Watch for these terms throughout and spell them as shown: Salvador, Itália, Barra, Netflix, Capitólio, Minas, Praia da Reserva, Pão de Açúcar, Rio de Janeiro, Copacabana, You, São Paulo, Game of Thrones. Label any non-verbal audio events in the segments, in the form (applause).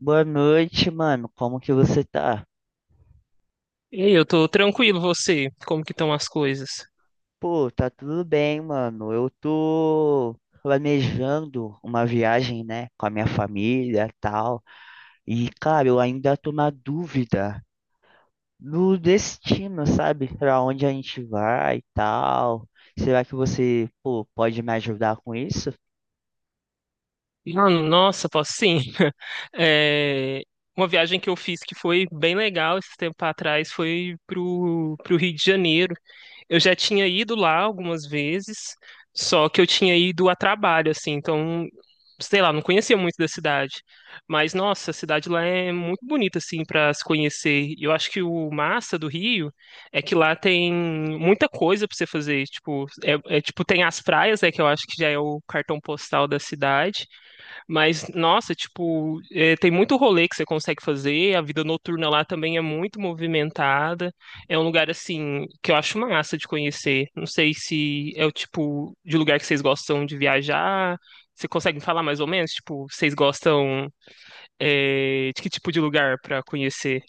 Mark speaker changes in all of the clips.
Speaker 1: Boa noite, mano. Como que você tá?
Speaker 2: E aí, eu tô tranquilo, você? Como que estão as coisas?
Speaker 1: Pô, tá tudo bem, mano. Eu tô planejando uma viagem, né, com a minha família, e tal. E, cara, eu ainda tô na dúvida do destino, sabe? Pra onde a gente vai e tal. Será que você, pô, pode me ajudar com isso?
Speaker 2: Ah, nossa, posso sim. (laughs) É, uma viagem que eu fiz que foi bem legal esse tempo atrás foi pro Rio de Janeiro. Eu já tinha ido lá algumas vezes, só que eu tinha ido a trabalho, assim, então, sei lá, não conhecia muito da cidade. Mas, nossa, a cidade lá é muito bonita, assim, para se conhecer. E eu acho que o massa do Rio é que lá tem muita coisa para você fazer. Tipo, tem as praias, né, que eu acho que já é o cartão postal da cidade. Mas, nossa, tem muito rolê que você consegue fazer, a vida noturna lá também é muito movimentada. É um lugar, assim, que eu acho massa de conhecer. Não sei se é o tipo de lugar que vocês gostam de viajar. Você consegue me falar mais ou menos? Tipo, vocês gostam, de que tipo de lugar para conhecer?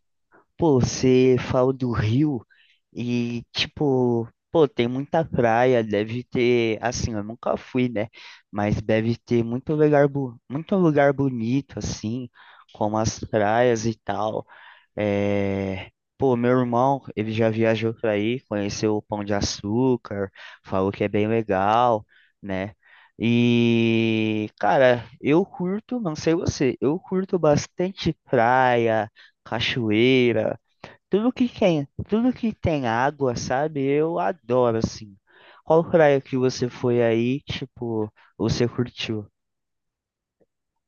Speaker 1: Pô, você fala do Rio e, tipo, pô, tem muita praia, deve ter, assim, eu nunca fui, né? Mas deve ter muito lugar, muito lugar bonito, assim, como as praias e tal. É... Pô, meu irmão, ele já viajou pra aí, conheceu o Pão de Açúcar, falou que é bem legal, né? E, cara, eu curto, não sei você, eu curto bastante praia, cachoeira. Tudo que tem água, sabe? Eu adoro, assim. Qual praia que você foi aí, tipo, você curtiu?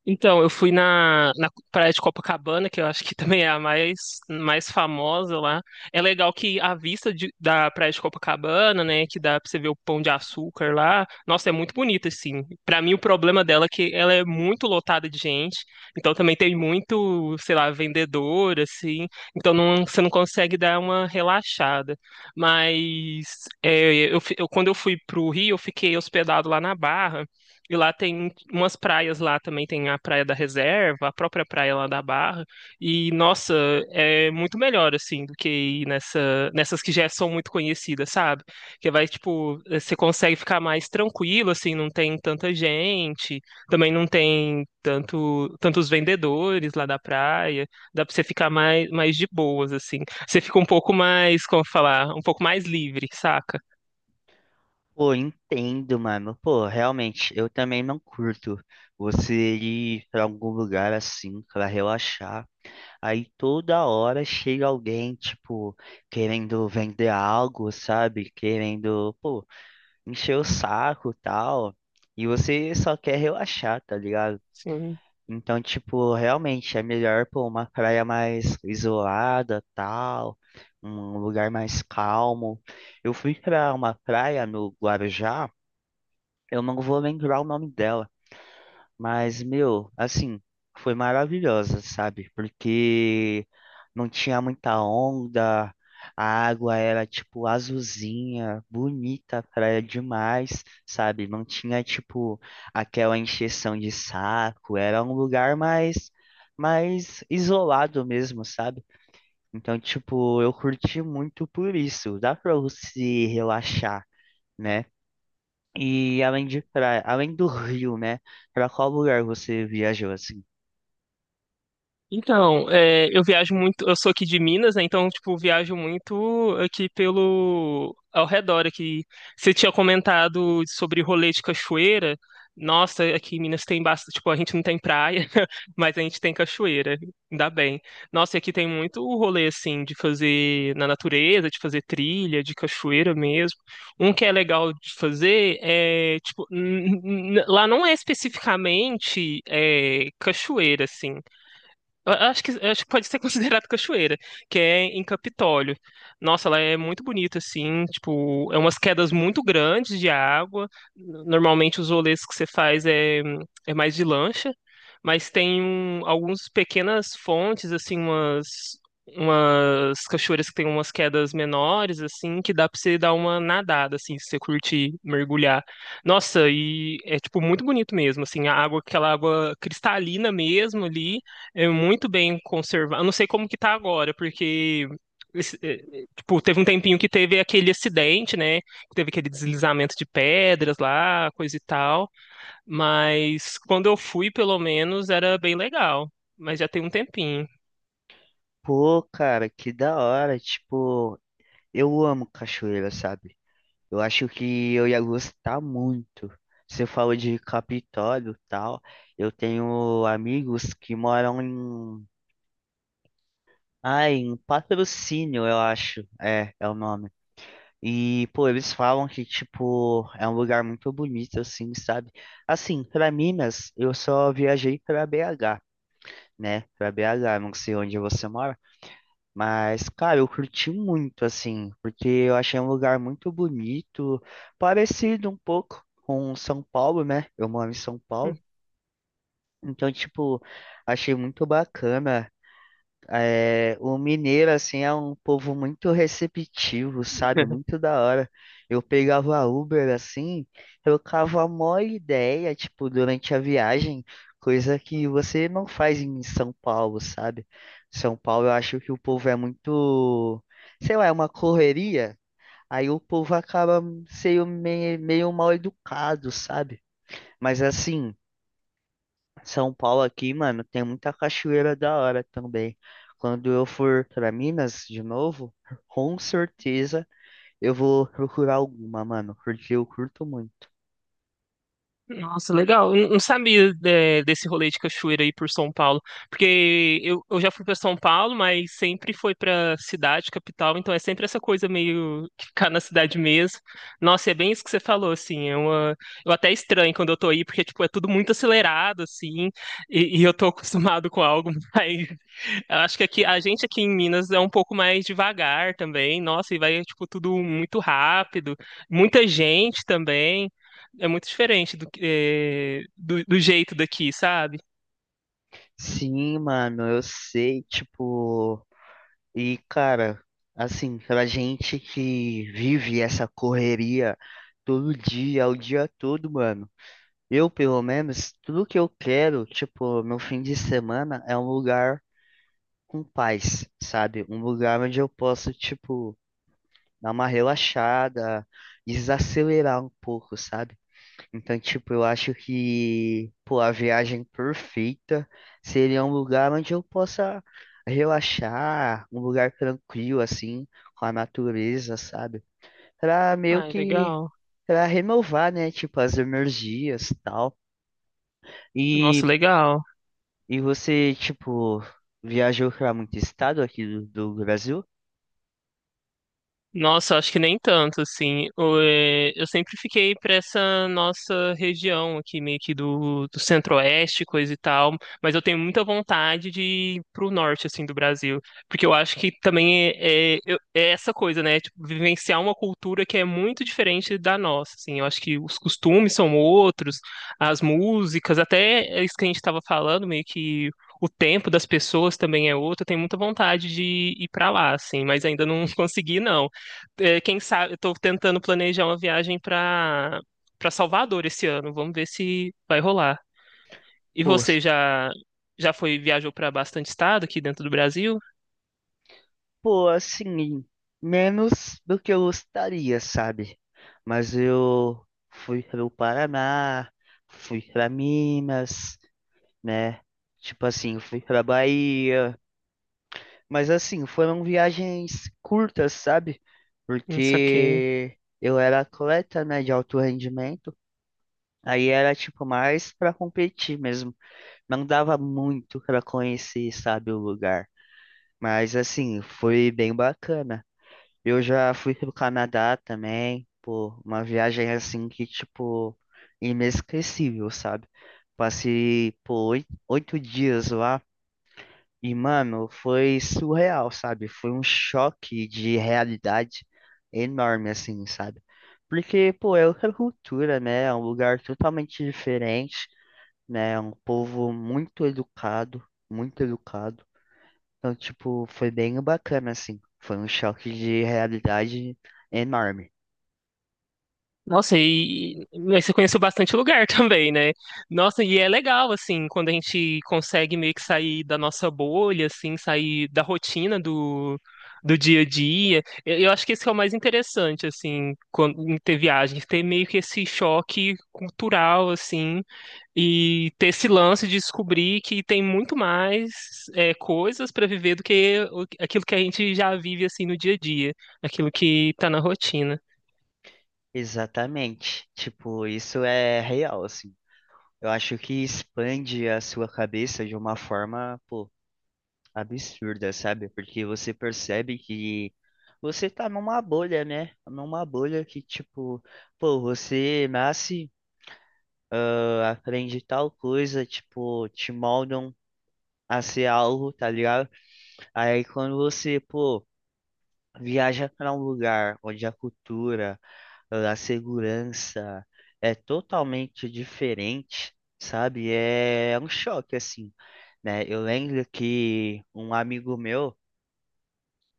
Speaker 2: Então, eu fui na praia de Copacabana, que eu acho que (laughs) também é a mais famosa lá. É legal que a da praia de Copacabana, né, que dá pra você ver o Pão de Açúcar lá, nossa, é muito bonita, assim. Pra mim, o problema dela é que ela é muito lotada de gente, então também tem muito, sei lá, vendedor, assim, então não, você não consegue dar uma relaxada. Mas quando eu fui pro Rio, eu fiquei hospedado lá na Barra, e lá tem umas praias lá também, tem a Praia da Reserva, a própria praia lá da Barra. E, nossa, é muito melhor, assim, do que ir nessas que já são muito conhecidas, sabe? Que vai, tipo, você consegue ficar mais tranquilo, assim, não tem tanta gente, também não tem tantos vendedores lá da praia, dá pra você ficar mais de boas, assim. Você fica um pouco mais, como falar, um pouco mais livre, saca?
Speaker 1: Pô, entendo, mano. Pô, realmente, eu também não curto você ir pra algum lugar assim pra relaxar. Aí toda hora chega alguém, tipo, querendo vender algo, sabe? Querendo, pô, encher o saco e tal. E você só quer relaxar, tá ligado?
Speaker 2: Sim.
Speaker 1: Então, tipo, realmente é melhor pô, uma praia mais isolada, tal, um lugar mais calmo. Eu fui pra uma praia no Guarujá, eu não vou lembrar o nome dela, mas, meu, assim, foi maravilhosa, sabe? Porque não tinha muita onda, a água era, tipo, azulzinha, bonita, praia demais, sabe? Não tinha, tipo, aquela encheção de saco, era um lugar mais, mais isolado mesmo, sabe? Então, tipo, eu curti muito por isso, dá pra você relaxar, né? E além de praia, além do Rio, né? Pra qual lugar você viajou assim?
Speaker 2: Então, é, eu viajo muito, eu sou aqui de Minas, né? Então, tipo, viajo muito aqui pelo ao redor aqui. Você tinha comentado sobre rolê de cachoeira. Nossa, aqui em Minas tem bastante, tipo, a gente não tem praia, (laughs) mas a gente tem cachoeira, ainda bem. Nossa, e aqui tem muito rolê assim de fazer na natureza, de fazer trilha, de cachoeira mesmo. Um que é legal de fazer é, tipo, lá não é especificamente cachoeira assim. Acho que pode ser (laughs) considerado cachoeira, que é em Capitólio. Nossa, ela é muito bonita, assim, tipo, é umas quedas muito grandes de água. Normalmente os rolês que você faz é mais de lancha, mas tem algumas pequenas fontes, assim, umas cachoeiras que tem umas quedas menores, assim, que dá pra você dar uma nadada, assim, se você curtir mergulhar. Nossa, e é, tipo, muito bonito mesmo, assim, a água, aquela água cristalina mesmo ali é muito bem conservado. Eu não sei como que tá agora, porque esse, eh, eh, tipo, teve um tempinho que teve aquele acidente, né? Teve aquele deslizamento de pedras lá, coisa e tal. Mas quando eu fui, pelo menos, era bem legal. Mas já tem um tempinho.
Speaker 1: Pô, cara, que da hora. Tipo, eu amo cachoeira, sabe? Eu acho que eu ia gostar muito. Você falou de Capitólio e tal. Eu tenho amigos que moram em. Ah, em Patrocínio, eu acho. É, é o nome. E, pô, eles falam que, tipo, é um lugar muito bonito, assim, sabe? Assim, pra Minas, eu só viajei pra BH. Né, pra BH, não sei onde você mora, mas, cara, eu curti muito, assim, porque eu achei um lugar muito bonito, parecido um pouco com São Paulo, né, eu moro em São Paulo,
Speaker 2: (laughs)
Speaker 1: então, tipo, achei muito bacana é, o mineiro, assim, é um povo muito receptivo, sabe? Muito da hora. Eu pegava a Uber, assim, trocava a maior ideia, tipo, durante a viagem, coisa que você não faz em São Paulo, sabe? São Paulo, eu acho que o povo é muito, sei lá, é uma correria. Aí o povo acaba sendo meio mal educado, sabe? Mas assim. São Paulo aqui, mano, tem muita cachoeira da hora também. Quando eu for pra Minas de novo, com certeza eu vou procurar alguma, mano, porque eu curto muito.
Speaker 2: Nossa, legal. Eu não sabia desse rolê de cachoeira aí por São Paulo, porque eu já fui para São Paulo, mas sempre foi para cidade, capital, então é sempre essa coisa meio que ficar na cidade mesmo. Nossa, e é bem isso que você falou, assim, é uma... eu até estranho quando eu tô aí, porque, tipo, é tudo muito acelerado, assim, e eu tô (laughs) acostumado com algo. (laughs) Eu acho que aqui, a gente aqui em Minas é um pouco mais devagar também. Nossa, e vai, tipo, tudo muito rápido. Muita gente também. É muito diferente do, que- eh, do, do jeito daqui, sabe?
Speaker 1: Sim, mano, eu sei, tipo, e cara, assim, pra gente que vive essa correria todo dia, o dia todo, mano. Eu, pelo menos, tudo que eu quero, tipo, no fim de semana é um lugar com paz, sabe? Um lugar onde eu posso, tipo, dar uma relaxada, desacelerar um pouco, sabe? Então, tipo, eu acho que, pô, a viagem perfeita seria um lugar onde eu possa relaxar, um lugar tranquilo, assim, com a natureza, sabe? Pra meio
Speaker 2: Ai,
Speaker 1: que,
Speaker 2: legal.
Speaker 1: pra renovar, né? Tipo, as energias e tal. E,
Speaker 2: Nossa, legal.
Speaker 1: e você, tipo, viajou pra muito estado aqui do Brasil?
Speaker 2: Nossa, acho que nem tanto, assim. Eu sempre fiquei para essa nossa região aqui, meio que do centro-oeste, coisa e tal, mas eu tenho muita vontade de ir pro norte, assim, do Brasil, porque eu acho que também é essa coisa, né? Tipo, vivenciar uma cultura que é muito diferente da nossa, assim. Eu acho que os costumes são outros, as músicas, até isso que a gente estava falando, meio que o tempo das pessoas também é outro. Eu tenho muita vontade de ir para lá, assim, mas ainda não (laughs) consegui, não é, quem sabe, eu tô tentando planejar uma viagem para Salvador esse ano. Vamos ver se vai rolar. E
Speaker 1: Pô,
Speaker 2: você já foi viajou para bastante estado aqui dentro do Brasil?
Speaker 1: Pô, assim, menos do que eu gostaria, sabe? Mas eu fui para o Paraná, fui para Minas, né? Tipo assim, eu fui para Bahia. Mas assim, foram viagens curtas, sabe?
Speaker 2: Não saquei.
Speaker 1: Porque eu era atleta, né, de alto rendimento. Aí era tipo mais para competir mesmo. Não dava muito para conhecer, sabe, o lugar. Mas assim, foi bem bacana. Eu já fui pro Canadá também, pô, uma viagem assim que, tipo, inesquecível, sabe? Passei, pô, oito dias lá e, mano, foi surreal, sabe? Foi um choque de realidade enorme, assim, sabe? Porque, pô, é outra cultura, né? É um lugar totalmente diferente, né? É um povo muito educado, muito educado. Então, tipo, foi bem bacana, assim. Foi um choque de realidade enorme.
Speaker 2: Nossa, e mas você conheceu bastante lugar (laughs) também, né? Nossa, e é legal, assim, quando a gente consegue meio que sair da nossa bolha, assim, sair da rotina do dia a dia. Eu acho que esse é o mais interessante, assim, quando, em ter viagem, ter meio que esse choque cultural, assim, e ter esse lance de descobrir que tem muito mais coisas para viver do que aquilo que a gente já vive, assim, no dia a dia, aquilo que tá na rotina.
Speaker 1: Exatamente. Tipo, isso é real, assim. Eu acho que expande a sua cabeça de uma forma, pô, absurda, sabe? Porque você percebe que você tá numa bolha, né? Numa bolha que, tipo, pô, você nasce, ah, aprende tal coisa, tipo, te moldam a ser algo, tá ligado? Aí quando você, pô, viaja para um lugar onde a cultura, a segurança é totalmente diferente, sabe? É um choque, assim, né? Eu lembro que um amigo meu,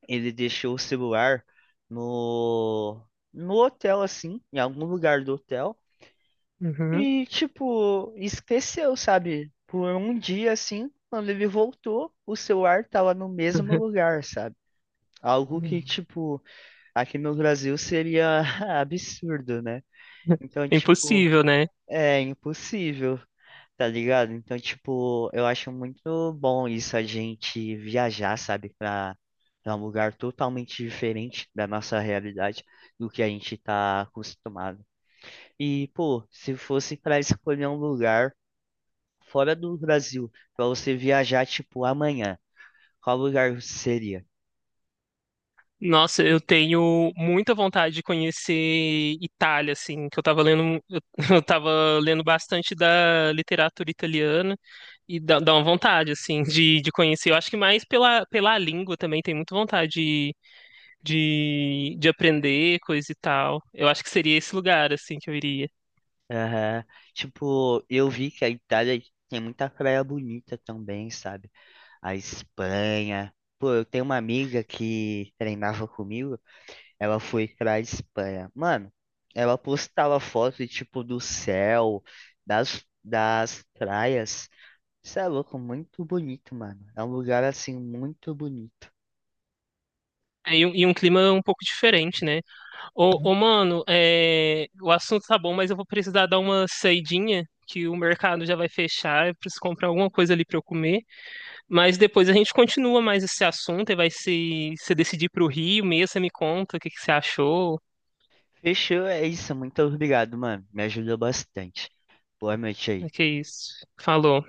Speaker 1: ele deixou o celular no, no hotel, assim, em algum lugar do hotel,
Speaker 2: Uhum.
Speaker 1: e, tipo, esqueceu, sabe? Por um dia, assim, quando ele voltou, o celular tava no mesmo lugar, sabe? Algo
Speaker 2: Hum.
Speaker 1: que, tipo, aqui no Brasil seria (laughs) absurdo, né? Então,
Speaker 2: É
Speaker 1: tipo,
Speaker 2: impossível, né?
Speaker 1: é impossível, tá ligado? Então, tipo, eu acho muito bom isso, a gente viajar, sabe, pra, pra um lugar totalmente diferente da nossa realidade, do que a gente tá acostumado. E, pô, se fosse pra escolher um lugar fora do Brasil, pra você viajar, tipo, amanhã, qual lugar seria?
Speaker 2: Nossa, eu tenho muita vontade de conhecer Itália, assim, que eu tava lendo, eu (laughs) eu tava lendo bastante da literatura italiana dá uma vontade, assim, de conhecer. Eu acho que mais pela língua também, tem muita vontade de aprender coisa e tal. Eu acho que seria esse lugar, assim, que eu iria.
Speaker 1: Aham. Tipo, eu vi que a Itália tem muita praia bonita também, sabe? A Espanha. Pô, eu tenho uma amiga que treinava comigo, ela foi pra Espanha. Mano, ela postava foto, tipo, do céu, das, das praias. Isso é louco, muito bonito, mano. É um lugar, assim, muito bonito.
Speaker 2: E um clima um pouco diferente, né? Mano, é, o assunto tá bom, mas eu vou precisar dar uma saidinha, que o mercado já vai fechar, eu preciso comprar alguma coisa ali pra eu comer. Mas depois a gente continua mais esse assunto e vai se decidir pro Rio mesmo, você me conta o que que você achou,
Speaker 1: Fechou, é isso. Muito obrigado, mano. Me ajudou bastante. Boa noite
Speaker 2: o
Speaker 1: aí.
Speaker 2: que é isso. Falou.